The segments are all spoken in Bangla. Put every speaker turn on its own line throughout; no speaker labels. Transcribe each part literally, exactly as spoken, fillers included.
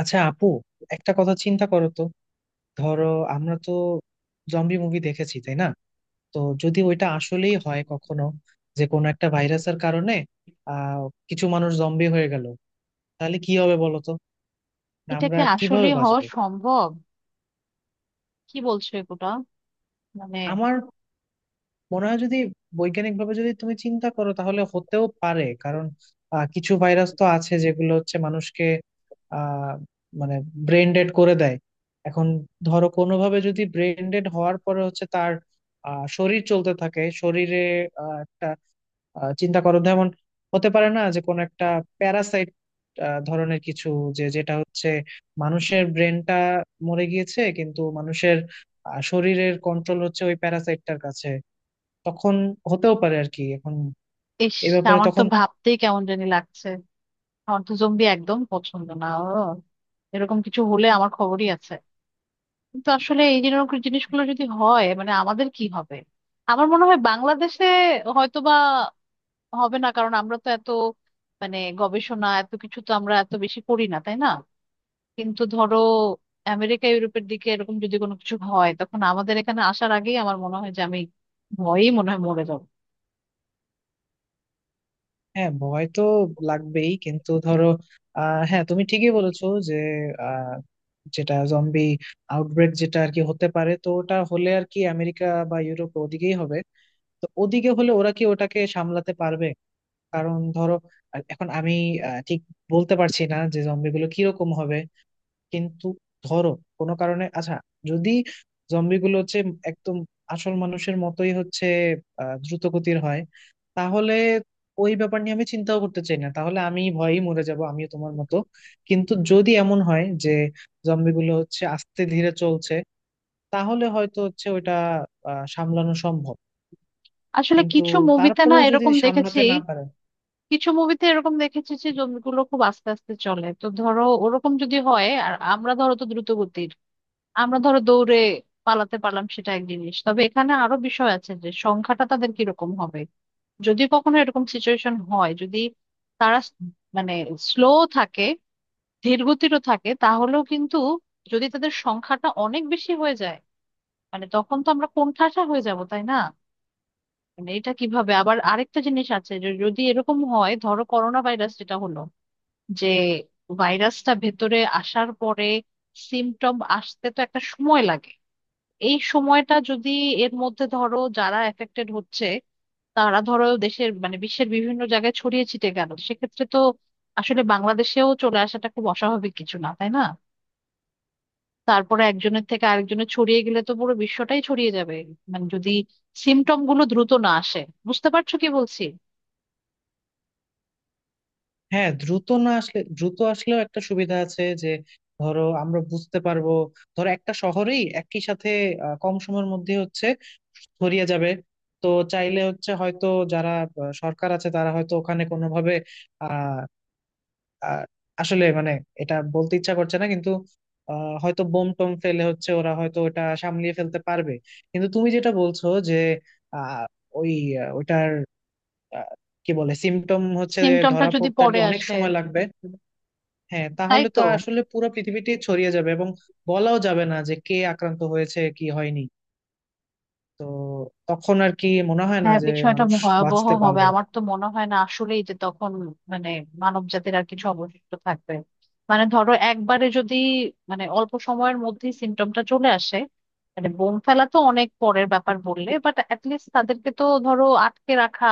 আচ্ছা আপু, একটা কথা চিন্তা করো তো। ধরো আমরা তো জম্বি মুভি দেখেছি, তাই না? তো যদি ওইটা আসলেই হয় কখনো, যে কোনো একটা ভাইরাসের কারণে আহ কিছু মানুষ জম্বি হয়ে গেল, তাহলে কি হবে বলো তো?
এটা কি
আমরা কিভাবে
আসলেই হওয়া
বাঁচবো?
সম্ভব? কি বলছো এগুলা? মানে,
আমার মনে হয় যদি বৈজ্ঞানিক ভাবে যদি তুমি চিন্তা করো তাহলে হতেও পারে, কারণ আহ, কিছু ভাইরাস তো আছে যেগুলো হচ্ছে মানুষকে আহ মানে ব্রেন ডেড করে দেয়। এখন ধরো কোনোভাবে যদি ব্রেন ডেড হওয়ার পরে হচ্ছে তার আহ, শরীর চলতে থাকে, শরীরে আহ, একটা আহ, চিন্তা করো, যেমন হতে পারে না যে কোনো একটা প্যারাসাইট ধরনের কিছু, যে যেটা হচ্ছে মানুষের ব্রেনটা মরে গিয়েছে কিন্তু মানুষের আহ, শরীরের কন্ট্রোল হচ্ছে ওই প্যারাসাইটটার কাছে। তখন হতেও পারে আর কি। এখন
ইস,
এ ব্যাপারে
আমার তো
তখন
ভাবতেই কেমন জানি লাগছে। আমার তো জম্বি একদম পছন্দ না ও। এরকম কিছু হলে আমার খবরই আছে। কিন্তু আসলে এই যেরকম জিনিসগুলো যদি হয় মানে আমাদের কি হবে? আমার মনে হয় বাংলাদেশে হয়তোবা হবে না, কারণ আমরা তো এত মানে গবেষণা এত কিছু তো আমরা এত বেশি করি না, তাই না? কিন্তু ধরো আমেরিকা ইউরোপের দিকে এরকম যদি কোনো কিছু হয় তখন আমাদের এখানে আসার আগেই আমার মনে হয় যে আমি ভয়েই মনে হয় মরে যাবো।
হ্যাঁ, ভয় তো লাগবেই কিন্তু ধরো, আহ হ্যাঁ তুমি ঠিকই বলেছো যে আহ, যেটা জম্বি আউটব্রেক যেটা আর কি হতে পারে, তো ওটা হলে আর কি আমেরিকা বা ইউরোপ ওদিকেই হবে। তো ওদিকে হলে ওরা কি ওটাকে সামলাতে পারবে? কারণ ধরো, আহ, এখন আমি আহ, ঠিক বলতে পারছি না যে জম্বিগুলো কিরকম হবে। কিন্তু ধরো কোনো কারণে আচ্ছা, যদি জম্বিগুলো হচ্ছে একদম আসল মানুষের মতোই হচ্ছে আহ, দ্রুত গতির হয়, তাহলে ওই ব্যাপার নিয়ে আমি চিন্তাও করতে চাই না, তাহলে আমি ভয়েই মরে যাব আমিও তোমার মতো। কিন্তু যদি এমন হয় যে জম্বিগুলো হচ্ছে আস্তে ধীরে চলছে, তাহলে হয়তো হচ্ছে ওইটা আহ সামলানো সম্ভব।
আসলে
কিন্তু
কিছু মুভিতে না
তারপরেও যদি
এরকম দেখেছি।
সামলাতে না পারে,
কিছু মুভিতে এরকম দেখেছি যে জমিগুলো খুব আস্তে আস্তে চলে, তো ধরো ওরকম যদি হয় আর আমরা ধরো তো দ্রুত গতির, আমরা ধরো দৌড়ে পালাতে পারলাম সেটা এক জিনিস। তবে এখানে আরো বিষয় আছে যে সংখ্যাটা তাদের কিরকম হবে। যদি কখনো এরকম সিচুয়েশন হয়, যদি তারা স- মানে স্লো থাকে, ধীর গতিরও থাকে তাহলেও কিন্তু যদি তাদের সংখ্যাটা অনেক বেশি হয়ে যায় মানে তখন তো আমরা কোণঠাসা হয়ে যাব, তাই না? মানে এটা কিভাবে, আবার আরেকটা জিনিস আছে যে যদি এরকম হয় ধরো করোনা ভাইরাস যেটা হলো যে ভাইরাসটা ভেতরে আসার পরে সিমটম আসতে তো একটা সময় লাগে। এই সময়টা যদি এর মধ্যে ধরো যারা এফেক্টেড হচ্ছে তারা ধরো দেশের মানে বিশ্বের বিভিন্ন জায়গায় ছড়িয়ে ছিটে গেল সেক্ষেত্রে তো আসলে বাংলাদেশেও চলে আসাটা খুব অস্বাভাবিক কিছু না, তাই না? তারপরে একজনের থেকে আরেকজনের ছড়িয়ে গেলে তো পুরো বিশ্বটাই ছড়িয়ে যাবে। মানে যদি সিমটম গুলো দ্রুত না আসে। বুঝতে পারছো কি বলছি?
হ্যাঁ দ্রুত না আসলে দ্রুত আসলেও একটা সুবিধা আছে যে ধরো আমরা বুঝতে পারবো, ধরো একটা শহরেই একই সাথে আহ, কম সময়ের মধ্যে হচ্ছে ছড়িয়ে যাবে। তো চাইলে হচ্ছে হয়তো যারা আহ, সরকার আছে তারা হয়তো ওখানে কোনোভাবে আহ আহ, আসলে মানে এটা বলতে ইচ্ছা করছে না কিন্তু আহ, হয়তো বোম টোম ফেলে হচ্ছে ওরা হয়তো ওটা সামলিয়ে ফেলতে পারবে। কিন্তু তুমি যেটা বলছো যে আহ ওই আহ, ওইটার আহ, কি বলে সিমটম হচ্ছে
সিমটমটা
ধরা
যদি
পড়তে আর কি
পরে
অনেক
আসে।
সময় লাগবে। হ্যাঁ
তাই
তাহলে তো
তো।
আসলে পুরো পৃথিবীটি ছড়িয়ে যাবে, এবং বলাও যাবে না যে কে আক্রান্ত হয়েছে কি হয়নি। তো তখন আর কি মনে হয় না
হ্যাঁ,
যে
বিষয়টা
মানুষ
ভয়াবহ
বাঁচতে
হবে।
পারবে।
আমার তো মনে হয় না আসলেই যে তখন মানে মানব জাতির আর কিছু অবশিষ্ট থাকবে। মানে ধরো একবারে যদি মানে অল্প সময়ের মধ্যে সিমটমটা চলে আসে, মানে বোম ফেলা তো অনেক পরের ব্যাপার বললে, বাট অ্যাটলিস্ট তাদেরকে তো ধরো আটকে রাখা,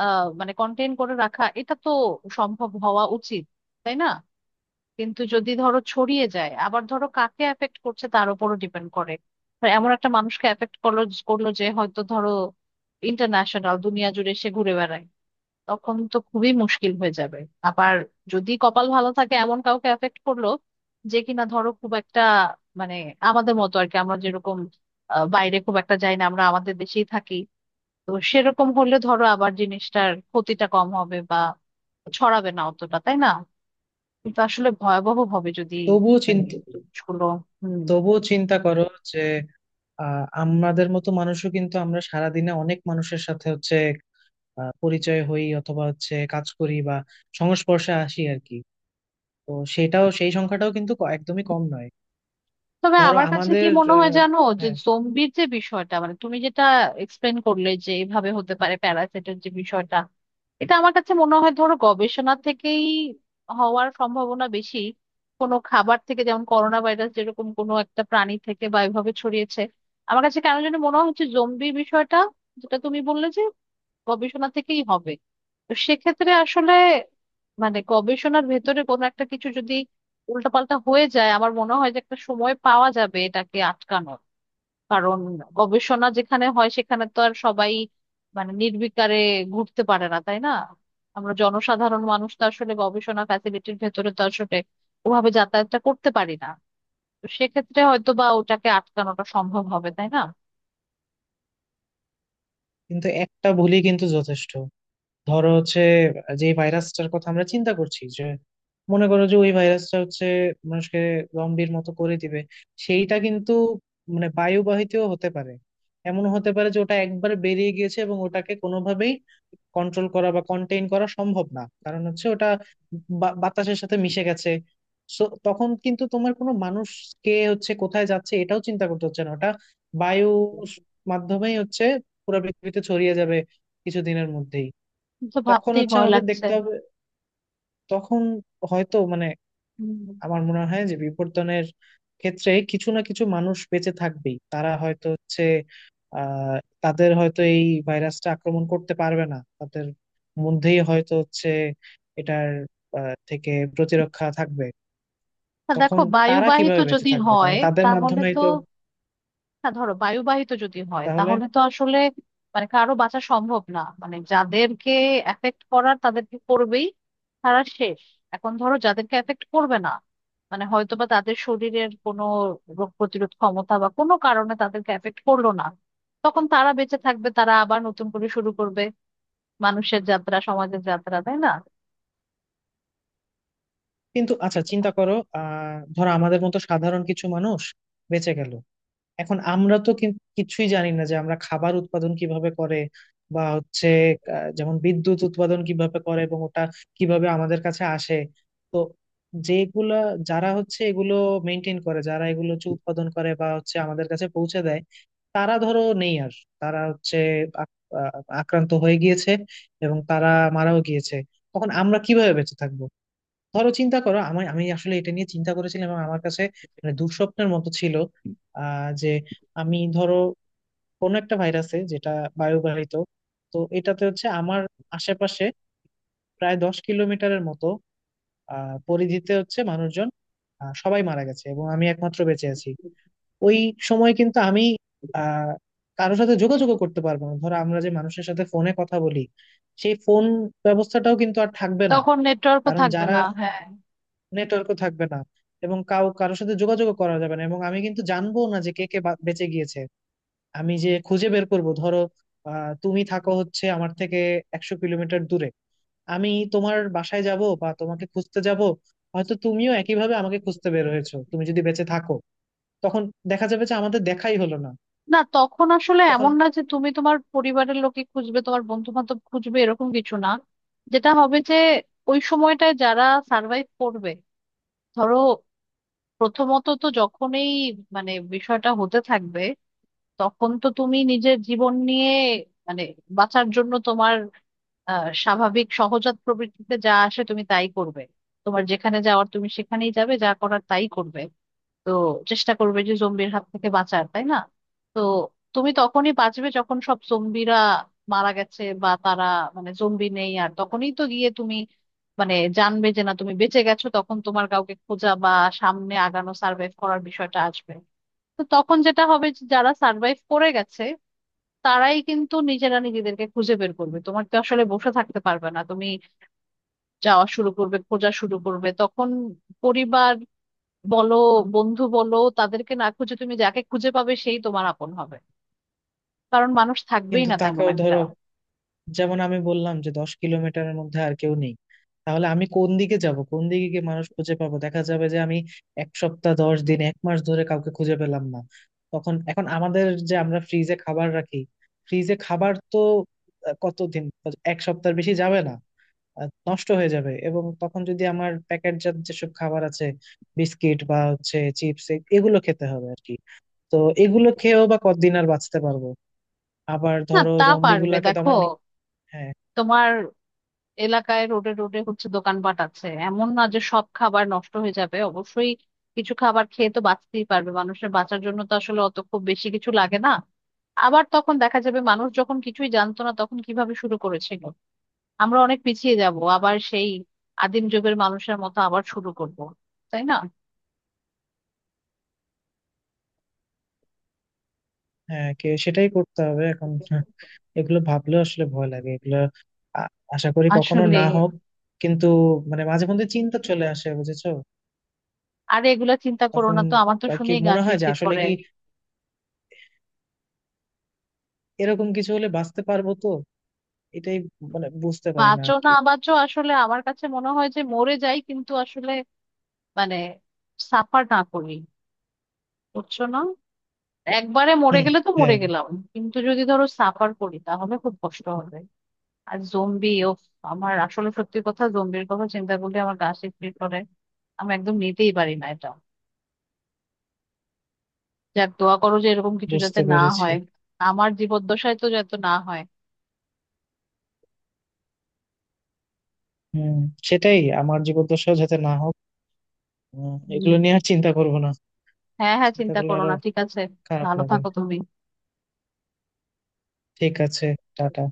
আহ মানে কন্টেইন করে রাখা এটা তো সম্ভব হওয়া উচিত, তাই না? কিন্তু যদি ধরো ছড়িয়ে যায়, আবার ধরো কাকে এফেক্ট করছে তার উপরও ডিপেন্ড করে। তো এমন একটা মানুষকে এফেক্ট করলো করলো যে হয়তো ধরো ইন্টারন্যাশনাল দুনিয়া জুড়ে সে ঘুরে বেড়ায়, তখন তো খুবই মুশকিল হয়ে যাবে। আবার যদি কপাল ভালো থাকে, এমন কাউকে এফেক্ট করলো যে কিনা ধরো খুব একটা মানে আমাদের মতো আর কি, আমরা যেরকম আহ, বাইরে খুব একটা যাই না, আমরা আমাদের দেশেই থাকি, তো সেরকম হলে ধরো আবার জিনিসটার ক্ষতিটা কম হবে বা ছড়াবে না অতটা, তাই না? কিন্তু আসলে ভয়াবহ হবে যদি
তবুও
মানে
চিন্তা
জিনিসগুলো, হুম।
তবুও চিন্তা করো যে আহ আমাদের মতো মানুষও কিন্তু আমরা সারাদিনে অনেক মানুষের সাথে হচ্ছে আহ, পরিচয় হই অথবা হচ্ছে কাজ করি বা সংস্পর্শে আসি আর কি। তো সেটাও সেই সংখ্যাটাও কিন্তু ক- একদমই কম নয়।
তবে
ধরো
আমার কাছে কি
আমাদের
মনে হয়
আহ,
জানো, যে
হ্যাঁ।
জম্বির যে বিষয়টা মানে তুমি যেটা এক্সপ্লেন করলে যে এভাবে হতে পারে প্যারাসাইটের যে বিষয়টা, এটা আমার কাছে মনে হয় ধরো গবেষণা থেকেই হওয়ার সম্ভাবনা বেশি। কোনো খাবার থেকে যেমন করোনা ভাইরাস যেরকম কোনো একটা প্রাণী থেকে বা এভাবে ছড়িয়েছে, আমার কাছে কেন যেন মনে হচ্ছে জম্বি বিষয়টা যেটা তুমি বললে যে গবেষণা থেকেই হবে। তো সেক্ষেত্রে আসলে মানে গবেষণার ভেতরে কোনো একটা কিছু যদি উল্টাপাল্টা হয়ে যায়, আমার মনে হয় যে একটা সময় পাওয়া যাবে এটাকে আটকানোর। কারণ গবেষণা যেখানে হয় সেখানে তো আর সবাই মানে নির্বিকারে ঘুরতে পারে না, তাই না? আমরা জনসাধারণ মানুষ তো আসলে গবেষণা ফ্যাসিলিটির ভেতরে তো আসলে ওভাবে যাতায়াতটা করতে পারি না। তো সেক্ষেত্রে হয়তো বা ওটাকে আটকানোটা সম্ভব হবে, তাই না?
কিন্তু একটা ভুলই কিন্তু যথেষ্ট। ধরো হচ্ছে, যে ভাইরাসটার কথা আমরা চিন্তা করছি, যে মনে করো যে ওই ভাইরাসটা হচ্ছে মানুষকে জম্বির মতো করে দিবে, সেইটা কিন্তু মানে বায়ুবাহিতও হতে পারে। এমন হতে পারে যে ওটা একবার বেরিয়ে গিয়েছে এবং ওটাকে কোনোভাবেই কন্ট্রোল করা বা কন্টেইন করা সম্ভব না, কারণ হচ্ছে ওটা বা- বাতাসের সাথে মিশে গেছে। সো তখন কিন্তু তোমার কোনো মানুষ কে হচ্ছে কোথায় যাচ্ছে এটাও চিন্তা করতে হচ্ছে না, ওটা বায়ু মাধ্যমেই হচ্ছে পুরো পৃথিবীতে ছড়িয়ে যাবে কিছুদিনের মধ্যেই।
তো
তখন
ভাবতেই
হচ্ছে
ভয়
আমাদের
লাগছে।
দেখতে হবে, তখন হয়তো মানে
হুম।
আমার মনে হয় যে বিবর্তনের ক্ষেত্রে কিছু না কিছু মানুষ বেঁচে থাকবেই, তারা হয়তো হচ্ছে আহ তাদের হয়তো এই ভাইরাসটা আক্রমণ করতে পারবে না, তাদের মধ্যেই হয়তো হচ্ছে এটার আহ, থেকে প্রতিরক্ষা থাকবে।
না, দেখো,
তখন তারা
বায়ুবাহিত
কিভাবে বেঁচে
যদি
থাকবে, কারণ
হয়
তাদের
তাহলে
মাধ্যমেই
তো,
তো
না ধরো বায়ুবাহিত যদি হয়
তাহলে।
তাহলে তো আসলে মানে কারো বাঁচা সম্ভব না, মানে যাদেরকে এফেক্ট করার তাদেরকে করবেই, তারা শেষ। এখন ধরো যাদেরকে এফেক্ট করবে না, মানে হয়তোবা তাদের শরীরের কোনো রোগ প্রতিরোধ ক্ষমতা বা কোনো কারণে তাদেরকে এফেক্ট করলো না, তখন তারা বেঁচে থাকবে, তারা আবার নতুন করে শুরু করবে মানুষের যাত্রা, সমাজের যাত্রা, তাই না?
কিন্তু আচ্ছা চিন্তা করো, আহ ধরো আমাদের মতো সাধারণ কিছু মানুষ বেঁচে গেল, এখন আমরা তো কিন্তু কিছুই জানি না যে আমরা খাবার উৎপাদন কিভাবে করে বা হচ্ছে আহ, যেমন বিদ্যুৎ উৎপাদন কিভাবে করে এবং ওটা কিভাবে আমাদের কাছে আসে। তো যেগুলা যারা হচ্ছে এগুলো মেনটেন করে, যারা এগুলো হচ্ছে উৎপাদন করে বা হচ্ছে আমাদের কাছে পৌঁছে দেয়, তারা ধরো নেই আর, তারা হচ্ছে আক- আহ, আক্রান্ত হয়ে গিয়েছে এবং তারা মারাও গিয়েছে। তখন আমরা কিভাবে বেঁচে থাকবো? ধরো চিন্তা করো, আমি আমি আসলে এটা নিয়ে চিন্তা করেছিলাম এবং আমার কাছে মানে দুঃস্বপ্নের মতো ছিল। আহ যে আমি ধরো কোন একটা ভাইরাসে যেটা বায়ুবাহিত, তো এটাতে হচ্ছে আমার আশেপাশে প্রায় দশ কিলোমিটারের মতো আহ পরিধিতে হচ্ছে মানুষজন আহ, সবাই মারা গেছে এবং আমি একমাত্র বেঁচে আছি। ওই সময় কিন্তু আমি আহ কারোর সাথে যোগাযোগও করতে পারবো না, ধরো আমরা যে মানুষের সাথে ফোনে কথা বলি, সেই ফোন ব্যবস্থাটাও কিন্তু আর থাকবে না।
তখন নেটওয়ার্কও
কারণ
থাকবে
যারা
না, হ্যাঁ।
নেটওয়ার্কও থাকবে না, এবং কাউ কারোর সাথে যোগাযোগ করা যাবে না, এবং আমি কিন্তু জানবো না যে কে কে বা- বেঁচে গিয়েছে। আমি যে খুঁজে বের করব, ধরো আহ তুমি থাকো হচ্ছে আমার থেকে একশো কিলোমিটার দূরে, আমি তোমার বাসায় যাব বা তোমাকে খুঁজতে যাব, হয়তো তুমিও একইভাবে আমাকে খুঁজতে বের হয়েছো তুমি যদি বেঁচে থাকো, তখন দেখা যাবে যে আমাদের দেখাই হলো না।
না, তখন আসলে
তখন
এমন না যে তুমি তোমার পরিবারের লোকে খুঁজবে, তোমার বন্ধু বান্ধব খুঁজবে, এরকম কিছু না। যেটা হবে যে ওই সময়টায় যারা সার্ভাইভ করবে ধরো, প্রথমত তো যখনই মানে বিষয়টা হতে থাকবে, তখন তো তুমি নিজের জীবন নিয়ে মানে বাঁচার জন্য তোমার আহ স্বাভাবিক সহজাত প্রবৃত্তিতে যা আসে তুমি তাই করবে। তোমার যেখানে যাওয়ার তুমি সেখানেই যাবে, যা করার তাই করবে। তো চেষ্টা করবে যে জম্বির হাত থেকে বাঁচার, তাই না? তো তুমি তখনই বাঁচবে যখন সব জম্বিরা মারা গেছে বা তারা মানে জম্বি নেই আর, তখনই তো গিয়ে তুমি মানে জানবে যে না তুমি বেঁচে গেছো, তখন তোমার কাউকে খোঁজা বা সামনে আগানো সার্ভাইভ করার বিষয়টা আসবে। তো তখন যেটা হবে যে যারা সার্ভাইভ করে গেছে, তারাই কিন্তু নিজেরা নিজেদেরকে খুঁজে বের করবে। তোমার তো আসলে বসে থাকতে পারবে না তুমি, যাওয়া শুরু করবে, খোঁজা শুরু করবে তখন। পরিবার বলো, বন্ধু বলো, তাদেরকে না খুঁজে তুমি যাকে খুঁজে পাবে সেই তোমার আপন হবে, কারণ মানুষ থাকবেই
কিন্তু
না তেমন
তাকেও
একটা।
ধরো, যেমন আমি বললাম যে দশ কিলোমিটারের মধ্যে আর কেউ নেই, তাহলে আমি কোন দিকে যাব, কোন দিকে গিয়ে মানুষ খুঁজে পাবো? দেখা যাবে যে আমি এক সপ্তাহ, দশ দিন, এক মাস ধরে কাউকে খুঁজে পেলাম না। তখন এখন আমাদের যে আমরা ফ্রিজে খাবার রাখি, ফ্রিজে খাবার তো আহ, কতদিন, এক সপ্তাহ বেশি যাবে না, আহ, নষ্ট হয়ে যাবে। এবং তখন যদি আমার প্যাকেটজাত যেসব খাবার আছে, বিস্কিট বা হচ্ছে চিপস, এগুলো খেতে হবে আর কি। তো এগুলো খেয়েও বা কতদিন আর বাঁচতে পারবো? আবার
না,
ধরো
তা
জম্বি
পারবে,
গুলাকে তো
দেখো,
আমার নি- হ্যাঁ।
তোমার এলাকায় রোডে রোডে হচ্ছে দোকানপাট আছে, এমন না যে সব খাবার নষ্ট হয়ে যাবে। অবশ্যই কিছু খাবার খেয়ে তো বাঁচতেই পারবে, মানুষের বাঁচার জন্য তো আসলে অত খুব বেশি কিছু লাগে না। আবার তখন দেখা যাবে মানুষ যখন কিছুই জানতো না তখন কিভাবে শুরু করেছিল, আমরা অনেক পিছিয়ে যাব আবার সেই আদিম যুগের মানুষের মতো আবার শুরু করব, তাই না?
হ্যাঁ, কে সেটাই করতে হবে এখন। হ্যাঁ, এগুলো ভাবলেও আসলে ভয় লাগে এগুলো। আ- আশা করি কখনো
আসলে
না হোক, কিন্তু মানে মাঝে মধ্যে চিন্তা চলে আসে, বুঝেছো?
আরে এগুলা চিন্তা করো
তখন
না তো, আমার তো
আর কি
শুনেই গা
মনে হয় যে
শিরশির
আসলে
করে।
কি এরকম কিছু হলে বাঁচতে পারবো তো? এটাই মানে বুঝতে পারি না
বাঁচো
আর
না
কি।
বাঁচো আসলে আমার কাছে মনে হয় যে মরে যাই কিন্তু আসলে মানে সাফার না করি। বুঝছো না, একবারে মরে
হুম।
গেলে তো মরে
হ্যাঁ,
গেলাম, কিন্তু যদি ধরো সাফার করি তাহলে খুব কষ্ট হবে। আর জম্বি ও, আমার আসলে সত্যি কথা জম্বির কথা চিন্তা করলে আমার গা শিরশির করে, আমি একদম নিতেই পারি না এটা। যাক দোয়া করো যে এরকম কিছু যাতে
বুঝতে
না
পেরেছি।
হয়, আমার জীবদ্দশায় তো যাতে না হয়।
হুম। সেটাই, আমার জীবদ্দশাও যাতে না হোক। উম, এগুলো নিয়ে
হম।
আর চিন্তা করবো না।
হ্যাঁ হ্যাঁ,
চিন্তা
চিন্তা
করলে
করো
আরো
না ঠিক আছে,
খারাপ
ভালো
লাগে।
থাকো তুমি।
ঠিক আছে, টাটা।